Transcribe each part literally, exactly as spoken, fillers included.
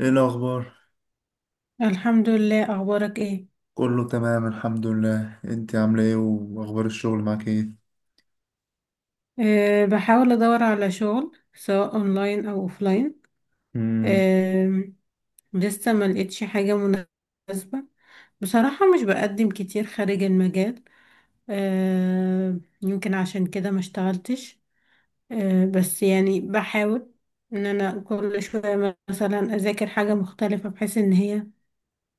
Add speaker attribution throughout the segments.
Speaker 1: ايه الاخبار؟
Speaker 2: الحمد لله. اخبارك ايه؟
Speaker 1: كله تمام الحمد لله، انت عامله ايه واخبار الشغل معاك ايه؟
Speaker 2: أه بحاول ادور على شغل، سواء اونلاين او اوفلاين.
Speaker 1: مم.
Speaker 2: أه لسه ما لقيتش حاجه مناسبه. بصراحه مش بقدم كتير خارج المجال. أه يمكن عشان كده ما اشتغلتش. أه بس يعني بحاول ان انا كل شويه مثلا اذاكر حاجه مختلفه، بحيث ان هي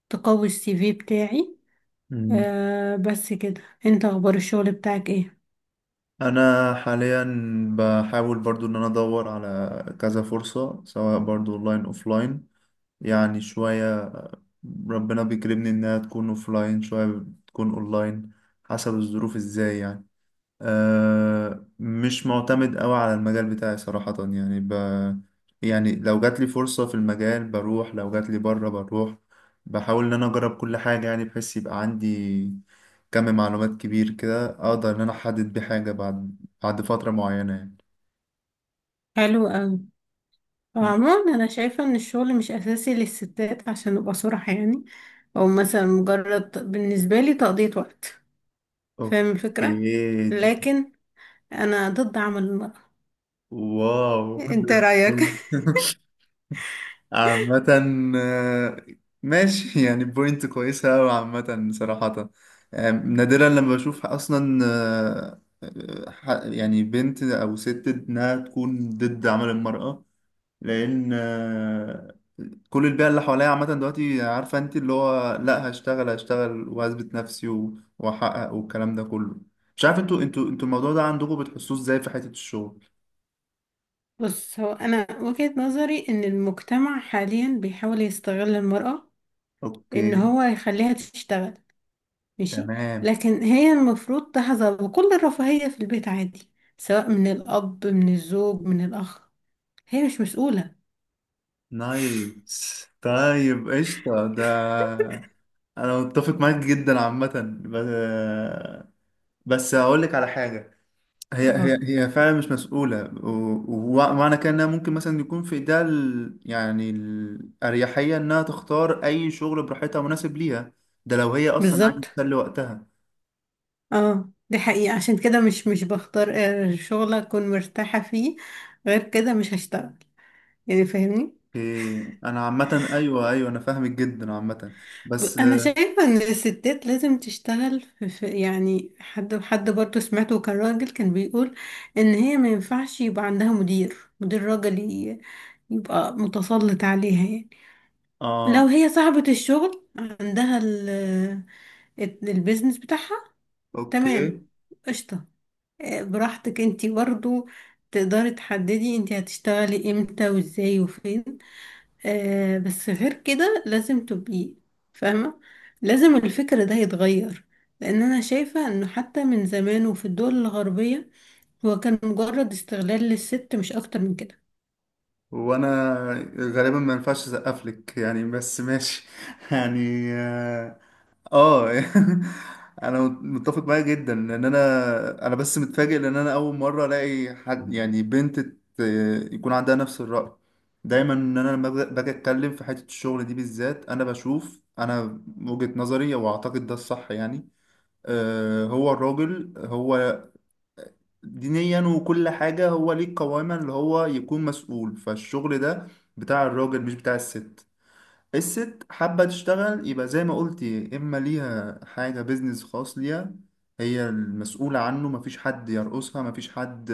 Speaker 2: تقوي السي في بتاعي.
Speaker 1: مم.
Speaker 2: أه بس كده، انت اخبار الشغل بتاعك ايه؟
Speaker 1: انا حاليا بحاول برضو ان انا ادور على كذا فرصه سواء برضو اونلاين اوفلاين. يعني شويه ربنا بيكرمني انها تكون اوفلاين شويه تكون اونلاين، حسب الظروف ازاي يعني. آه، مش معتمد قوي على المجال بتاعي صراحة، يعني ب... يعني لو جات لي فرصة في المجال بروح، لو جات لي بره بروح. بحاول ان انا اجرب كل حاجة، يعني بحيث يبقى عندي كم معلومات كبير كده اقدر ان انا احدد بحاجة بعد بعد فترة معينة يعني.
Speaker 2: حلو أوي.
Speaker 1: م.
Speaker 2: عموما انا شايفة ان الشغل مش اساسي للستات عشان نبقى صراحة يعني، او مثلا مجرد بالنسبة لي تقضية وقت. فاهم
Speaker 1: اوكي.
Speaker 2: الفكرة. لكن انا ضد عمل المرأة.
Speaker 1: واو.
Speaker 2: انت رأيك؟
Speaker 1: عامة، آه، ماشي يعني، بوينت كويسة أوي عامة صراحة. آه، نادرا لما بشوف أصلا، آه، آه، ح- يعني بنت أو ست إنها تكون ضد عمل المرأة. لأن آه، كل البيئة اللي حواليا عامة دلوقتي عارفة، أنت اللي هو لأ هشتغل هشتغل وأثبت نفسي و- وأحقق والكلام ده كله. مش عارف، انتوا انتوا انتوا الموضوع ده عندكم بتحسوه ازاي في حتة الشغل؟
Speaker 2: بص، هو انا وجهة نظري ان المجتمع حاليا بيحاول يستغل المرأة، ان
Speaker 1: اوكي.
Speaker 2: هو يخليها تشتغل. ماشي.
Speaker 1: تمام.
Speaker 2: لكن هي المفروض تحظى بكل الرفاهية في البيت عادي، سواء من الاب من الزوج من الاخ. هي مش مسؤولة.
Speaker 1: نايس طيب قشطة ده. أنا متفق معاك جدا عامة، ب- بس هقول لك على حاجة. هي هي
Speaker 2: اه،
Speaker 1: هي فعلا مش مسؤولة، و- ومعنى كده إنها ممكن مثلا يكون في إيدها ال- يعني الأريحية إنها تختار أي شغل براحتها مناسب ليها. ده لو هي أصلا عايزة
Speaker 2: بالظبط.
Speaker 1: تسلي وقتها.
Speaker 2: اه، دي حقيقة. عشان كده مش مش بختار آه، شغل اكون مرتاحة فيه. غير كده مش هشتغل. يعني فاهمني.
Speaker 1: إيه. أنا عامة أيوه أيوه، أنا فاهمك جدا عامة،
Speaker 2: ب-
Speaker 1: بس
Speaker 2: انا شايفة ان الستات لازم تشتغل في في- يعني حد حد برضه سمعته، كان راجل كان بيقول ان هي ما ينفعش يبقى عندها مدير مدير راجل، ي- يبقى متسلط عليها يعني. لو
Speaker 1: آه
Speaker 2: هي صاحبة الشغل، عندها ال- البيزنس بتاعها.
Speaker 1: أوكي.
Speaker 2: تمام. قشطة. آه، براحتك انتي برضو تقدري تحددي انتي هتشتغلي امتى وازاي وفين. آه بس غير كده لازم تبقي فاهمة. لازم الفكر ده يتغير. لان انا شايفة انه حتى من زمان وفي الدول الغربية، هو كان مجرد استغلال للست، مش اكتر من كده.
Speaker 1: وانا غالبا ما ينفعش اسقف لك يعني، بس ماشي يعني. اه. آه. انا متفق معاك جدا، لان انا انا بس متفاجئ، لان انا اول مره الاقي حد، يعني بنت ت- يكون عندها نفس الرأي. دايما ان انا لما باجي باجي اتكلم في حته الشغل دي بالذات، انا بشوف انا وجهة نظري، واعتقد ده الصح يعني. آه، هو الراجل، هو دينيا وكل حاجة هو ليه قواما، اللي هو يكون مسؤول. فالشغل ده بتاع الراجل مش بتاع الست. الست حابة تشتغل يبقى زي ما قلتي إما ليها حاجة بيزنس خاص ليها هي المسؤولة عنه، مفيش حد يرقصها، مفيش حد،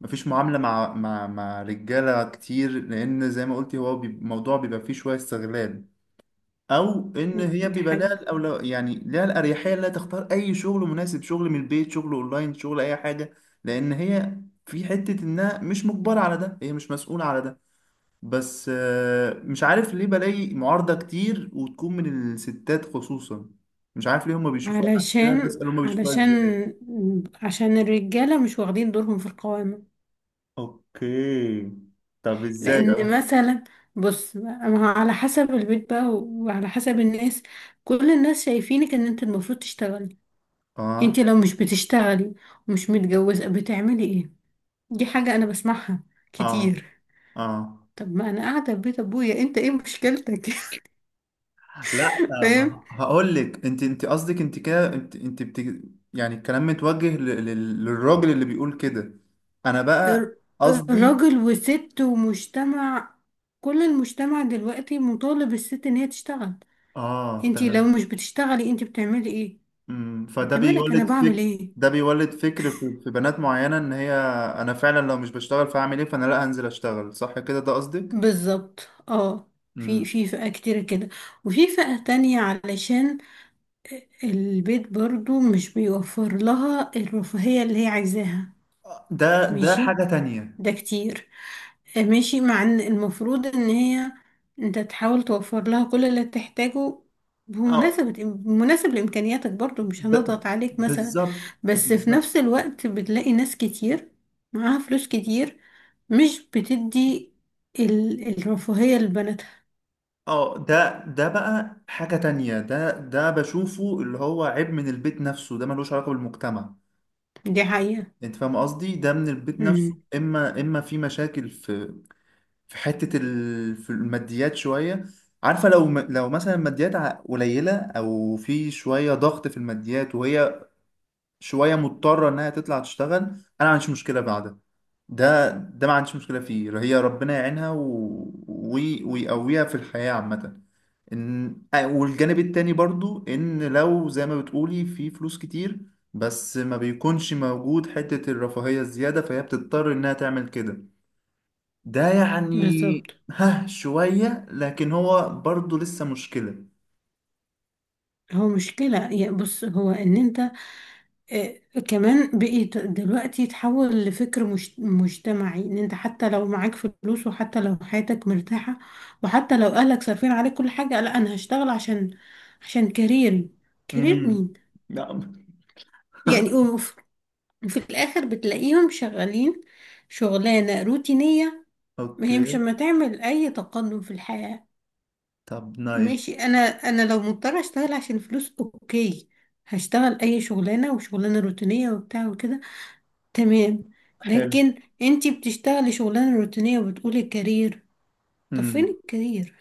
Speaker 1: مفيش معاملة مع مع مع رجالة كتير، لأن زي ما قلتي، هو بي- الموضوع بيبقى فيه شوية استغلال. او ان هي
Speaker 2: دي
Speaker 1: بيبقى لها
Speaker 2: حقيقة.
Speaker 1: الاولو، يعني لها الاريحيه انها تختار اي شغل مناسب، شغل من البيت، شغل اونلاين، شغل اي حاجه، لان هي في حته انها مش مجبره على ده، هي مش مسؤوله على ده. بس آه، مش عارف ليه بلاقي معارضه كتير وتكون من الستات خصوصا. مش عارف ليه هما بيشوفوها، عشان كده
Speaker 2: علشان
Speaker 1: بسأل، هما بيشوفوها
Speaker 2: علشان
Speaker 1: ازاي؟
Speaker 2: عشان الرجالة مش واخدين دورهم في القوامة.
Speaker 1: اوكي. طب ازاي؟ اه.
Speaker 2: لان مثلا، بص، ما هو على حسب البيت بقى وعلى حسب الناس. كل الناس شايفينك ان انت المفروض تشتغلي. انت
Speaker 1: اه
Speaker 2: لو مش بتشتغلي ومش متجوزة بتعملي ايه؟ دي حاجة انا بسمعها
Speaker 1: اه
Speaker 2: كتير.
Speaker 1: اه.
Speaker 2: طب ما انا قاعدة في بيت ابويا، انت ايه مشكلتك؟
Speaker 1: لا.
Speaker 2: فاهم.
Speaker 1: ما هقول لك انت، انت قصدك انت كده، انت انت بت... يعني الكلام متوجه ل... لل- للراجل اللي بيقول كده. انا بقى
Speaker 2: الر-
Speaker 1: قصدي.
Speaker 2: الراجل وست ومجتمع، كل المجتمع دلوقتي مطالب الست ان هي تشتغل.
Speaker 1: اه
Speaker 2: انت لو
Speaker 1: تمام.
Speaker 2: مش بتشتغلي انت بتعملي ايه؟
Speaker 1: امم فده
Speaker 2: انت مالك انا
Speaker 1: بيولد
Speaker 2: بعمل
Speaker 1: فكر.
Speaker 2: ايه؟
Speaker 1: ده بيولد فكر في... في بنات معينة ان هي، انا فعلا لو مش بشتغل فاعمل ايه، فانا لا هنزل اشتغل صح كده ده قصدك.
Speaker 2: بالظبط اه. في
Speaker 1: امم.
Speaker 2: في فئة كتير كده، وفي فئة تانية علشان البيت برضو مش بيوفر لها الرفاهية اللي هي عايزاها.
Speaker 1: ده ده
Speaker 2: ماشي،
Speaker 1: حاجة تانية.
Speaker 2: ده كتير. آه، ماشي مع ان المفروض ان هي، انت تحاول توفر لها كل اللي تحتاجه
Speaker 1: اه.
Speaker 2: بمناسبة مناسب لإمكانياتك، برضو مش
Speaker 1: ب...
Speaker 2: هنضغط عليك مثلا.
Speaker 1: بالظبط
Speaker 2: بس في
Speaker 1: بالظبط.
Speaker 2: نفس الوقت بتلاقي ناس كتير معاها فلوس كتير، مش بتدي ال- الرفاهية لبناتها.
Speaker 1: اه. ده ده بقى حاجة تانية. ده ده بشوفه اللي هو عيب من البيت نفسه، ده ملوش علاقة بالمجتمع.
Speaker 2: دي حقيقة.
Speaker 1: انت فاهم قصدي؟ ده من البيت نفسه،
Speaker 2: امم
Speaker 1: اما اما في مشاكل في، في حتة ال... في الماديات شوية. عارفة لو م... لو مثلا الماديات ع- قليلة او في شوية ضغط في الماديات، وهي شويه مضطره انها تطلع تشتغل، انا ما عنديش مشكله بعدها. ده ده ما عنديش مشكله فيه، هي ربنا يعينها و... وي... ويقويها في الحياه عامه. ان آه، والجانب التاني برضو، ان لو زي ما بتقولي في فلوس كتير، بس ما بيكونش موجود حته الرفاهيه الزياده، فهي بتضطر انها تعمل كده ده يعني.
Speaker 2: بالظبط.
Speaker 1: ها شويه، لكن هو برضو لسه مشكله.
Speaker 2: هو مشكلة. يا بص، هو ان انت آه، كمان بقيت دلوقتي تحول لفكر مش مجتمعي، ان انت حتى لو معاك فلوس، وحتى لو حياتك مرتاحة، وحتى لو اهلك صارفين عليك كل حاجة، لا انا هشتغل عشان عشان كارير. كارير
Speaker 1: امم
Speaker 2: مين؟
Speaker 1: نعم.
Speaker 2: يعني وف- وفي الاخر بتلاقيهم شغالين شغلانة روتينية. ما هي مش
Speaker 1: اوكي.
Speaker 2: ما تعمل اي تقدم في الحياة.
Speaker 1: طب
Speaker 2: ماشي.
Speaker 1: نايس.
Speaker 2: انا انا لو مضطرة اشتغل عشان فلوس، اوكي، هشتغل اي شغلانة، وشغلانة روتينية وبتاع وكده، تمام.
Speaker 1: حلو.
Speaker 2: لكن انتي بتشتغلي شغلانة روتينية وبتقولي الكارير. طب فين
Speaker 1: مم.
Speaker 2: الكارير؟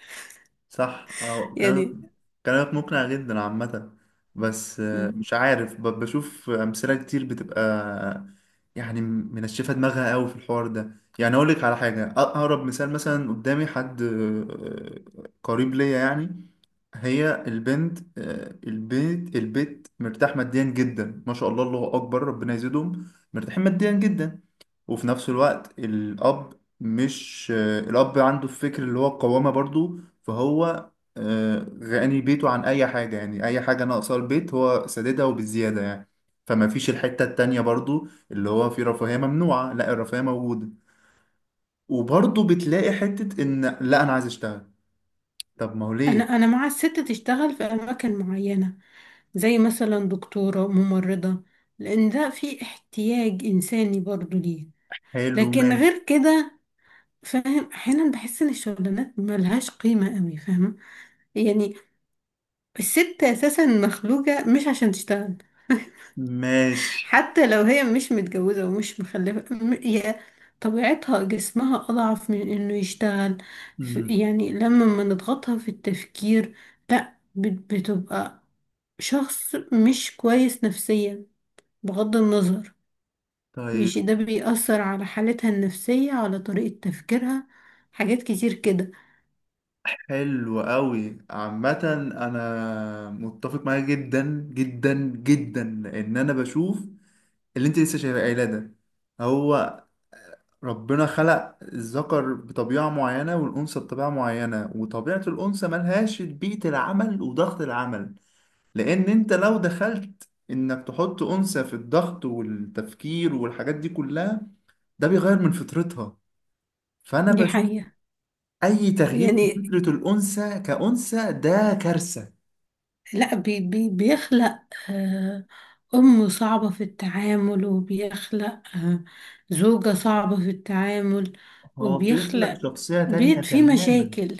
Speaker 1: صح أو كلامك.
Speaker 2: يعني.
Speaker 1: كلامك مقنع جدا عامة. بس آه،
Speaker 2: م.
Speaker 1: مش عارف، ب- بشوف أمثلة كتير بتبقى آه، يعني منشفة دماغها قوي في الحوار ده. يعني أقول لك على حاجة، أ- أقرب مثال مثلا قدامي حد، آه، قريب ليا يعني. هي البنت، آه، البيت البيت مرتاح ماديا جدا، ما شاء الله الله أكبر ربنا يزيدهم، مرتاحين ماديا جدا. وفي نفس الوقت الأب، مش آه، الأب عنده الفكر اللي هو القوامة برضو، فهو آه، غني بيته عن أي حاجة. يعني أي حاجة ناقصة البيت هو ساددها وبالزيادة يعني. فما فيش الحتة التانية برضو اللي هو في رفاهية ممنوعة، لا الرفاهية موجودة، وبرضو بتلاقي حتة إن لا أنا عايز أشتغل. طب ما هو ليه؟
Speaker 2: انا انا مع الست تشتغل في اماكن معينة، زي مثلا دكتورة، ممرضة، لأن ده في احتياج إنساني برضو ليه.
Speaker 1: حلو.
Speaker 2: لكن
Speaker 1: ماشي.
Speaker 2: غير كده، فاهم، أحيانا بحس إن الشغلانات ملهاش قيمة قوي، فاهمة يعني. الست اساسا مخلوقه مش عشان تشتغل.
Speaker 1: ماشي.
Speaker 2: حتى لو هي مش متجوزه ومش مخلفه، م- هي طبيعتها جسمها اضعف من انه يشتغل. ف-
Speaker 1: مم.
Speaker 2: يعني لما ما نضغطها في التفكير، لا بت- بتبقى شخص مش كويس نفسيا، بغض النظر.
Speaker 1: طيب.
Speaker 2: مش ده بيأثر على حالتها النفسية على طريقة تفكيرها؟ حاجات كتير كده.
Speaker 1: حلو قوي عامة. انا متفق معاك جدا جدا جدا، ان انا بشوف اللي انت لسه شايفه قايله ده. هو ربنا خلق الذكر بطبيعة معينة والأنثى بطبيعة معينة، وطبيعة الأنثى ملهاش بيئة العمل وضغط العمل. لأن أنت لو دخلت إنك تحط أنثى في الضغط والتفكير والحاجات دي كلها، ده بيغير من فطرتها. فأنا
Speaker 2: دي
Speaker 1: بشوف
Speaker 2: حقيقة.
Speaker 1: أي تغيير في
Speaker 2: يعني
Speaker 1: فطرة الأنثى كأنثى ده كارثة.
Speaker 2: لا بي بي بيخلق آه، أم صعبة في التعامل، وبيخلق آه، زوجة صعبة في التعامل،
Speaker 1: هو بيخلق
Speaker 2: وبيخلق
Speaker 1: شخصية تانية
Speaker 2: بيت فيه
Speaker 1: تماما.
Speaker 2: مشاكل.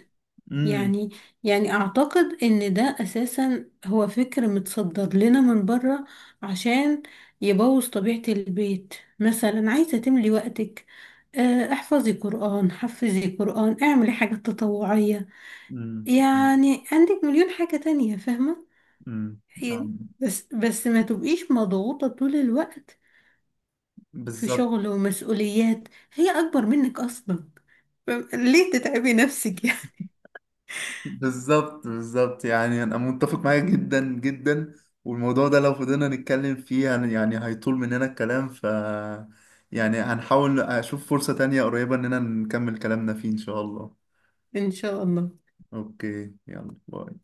Speaker 1: امم
Speaker 2: يعني يعني أعتقد إن ده أساسا هو فكر متصدر لنا من بره عشان يبوظ طبيعة البيت. مثلا عايزة تملي وقتك، آه، احفظي قرآن حفظي قرآن، اعملي حاجات تطوعية.
Speaker 1: امم
Speaker 2: يعني عندك مليون حاجة تانية، فاهمة
Speaker 1: امم
Speaker 2: يعني.
Speaker 1: أم،
Speaker 2: بس بس ما تبقيش مضغوطة طول الوقت في
Speaker 1: بالظبط
Speaker 2: شغل ومسؤوليات هي أكبر منك أصلا. فم- ليه تتعبي نفسك يعني؟
Speaker 1: بالظبط بالظبط، يعني انا متفق معاك جدا جدا. والموضوع ده لو فضلنا نتكلم فيه، يعني يعني هيطول مننا الكلام، ف يعني هنحاول اشوف فرصة تانية قريبة اننا نكمل كلامنا فيه ان شاء الله.
Speaker 2: إن شاء الله.
Speaker 1: اوكي يلا باي.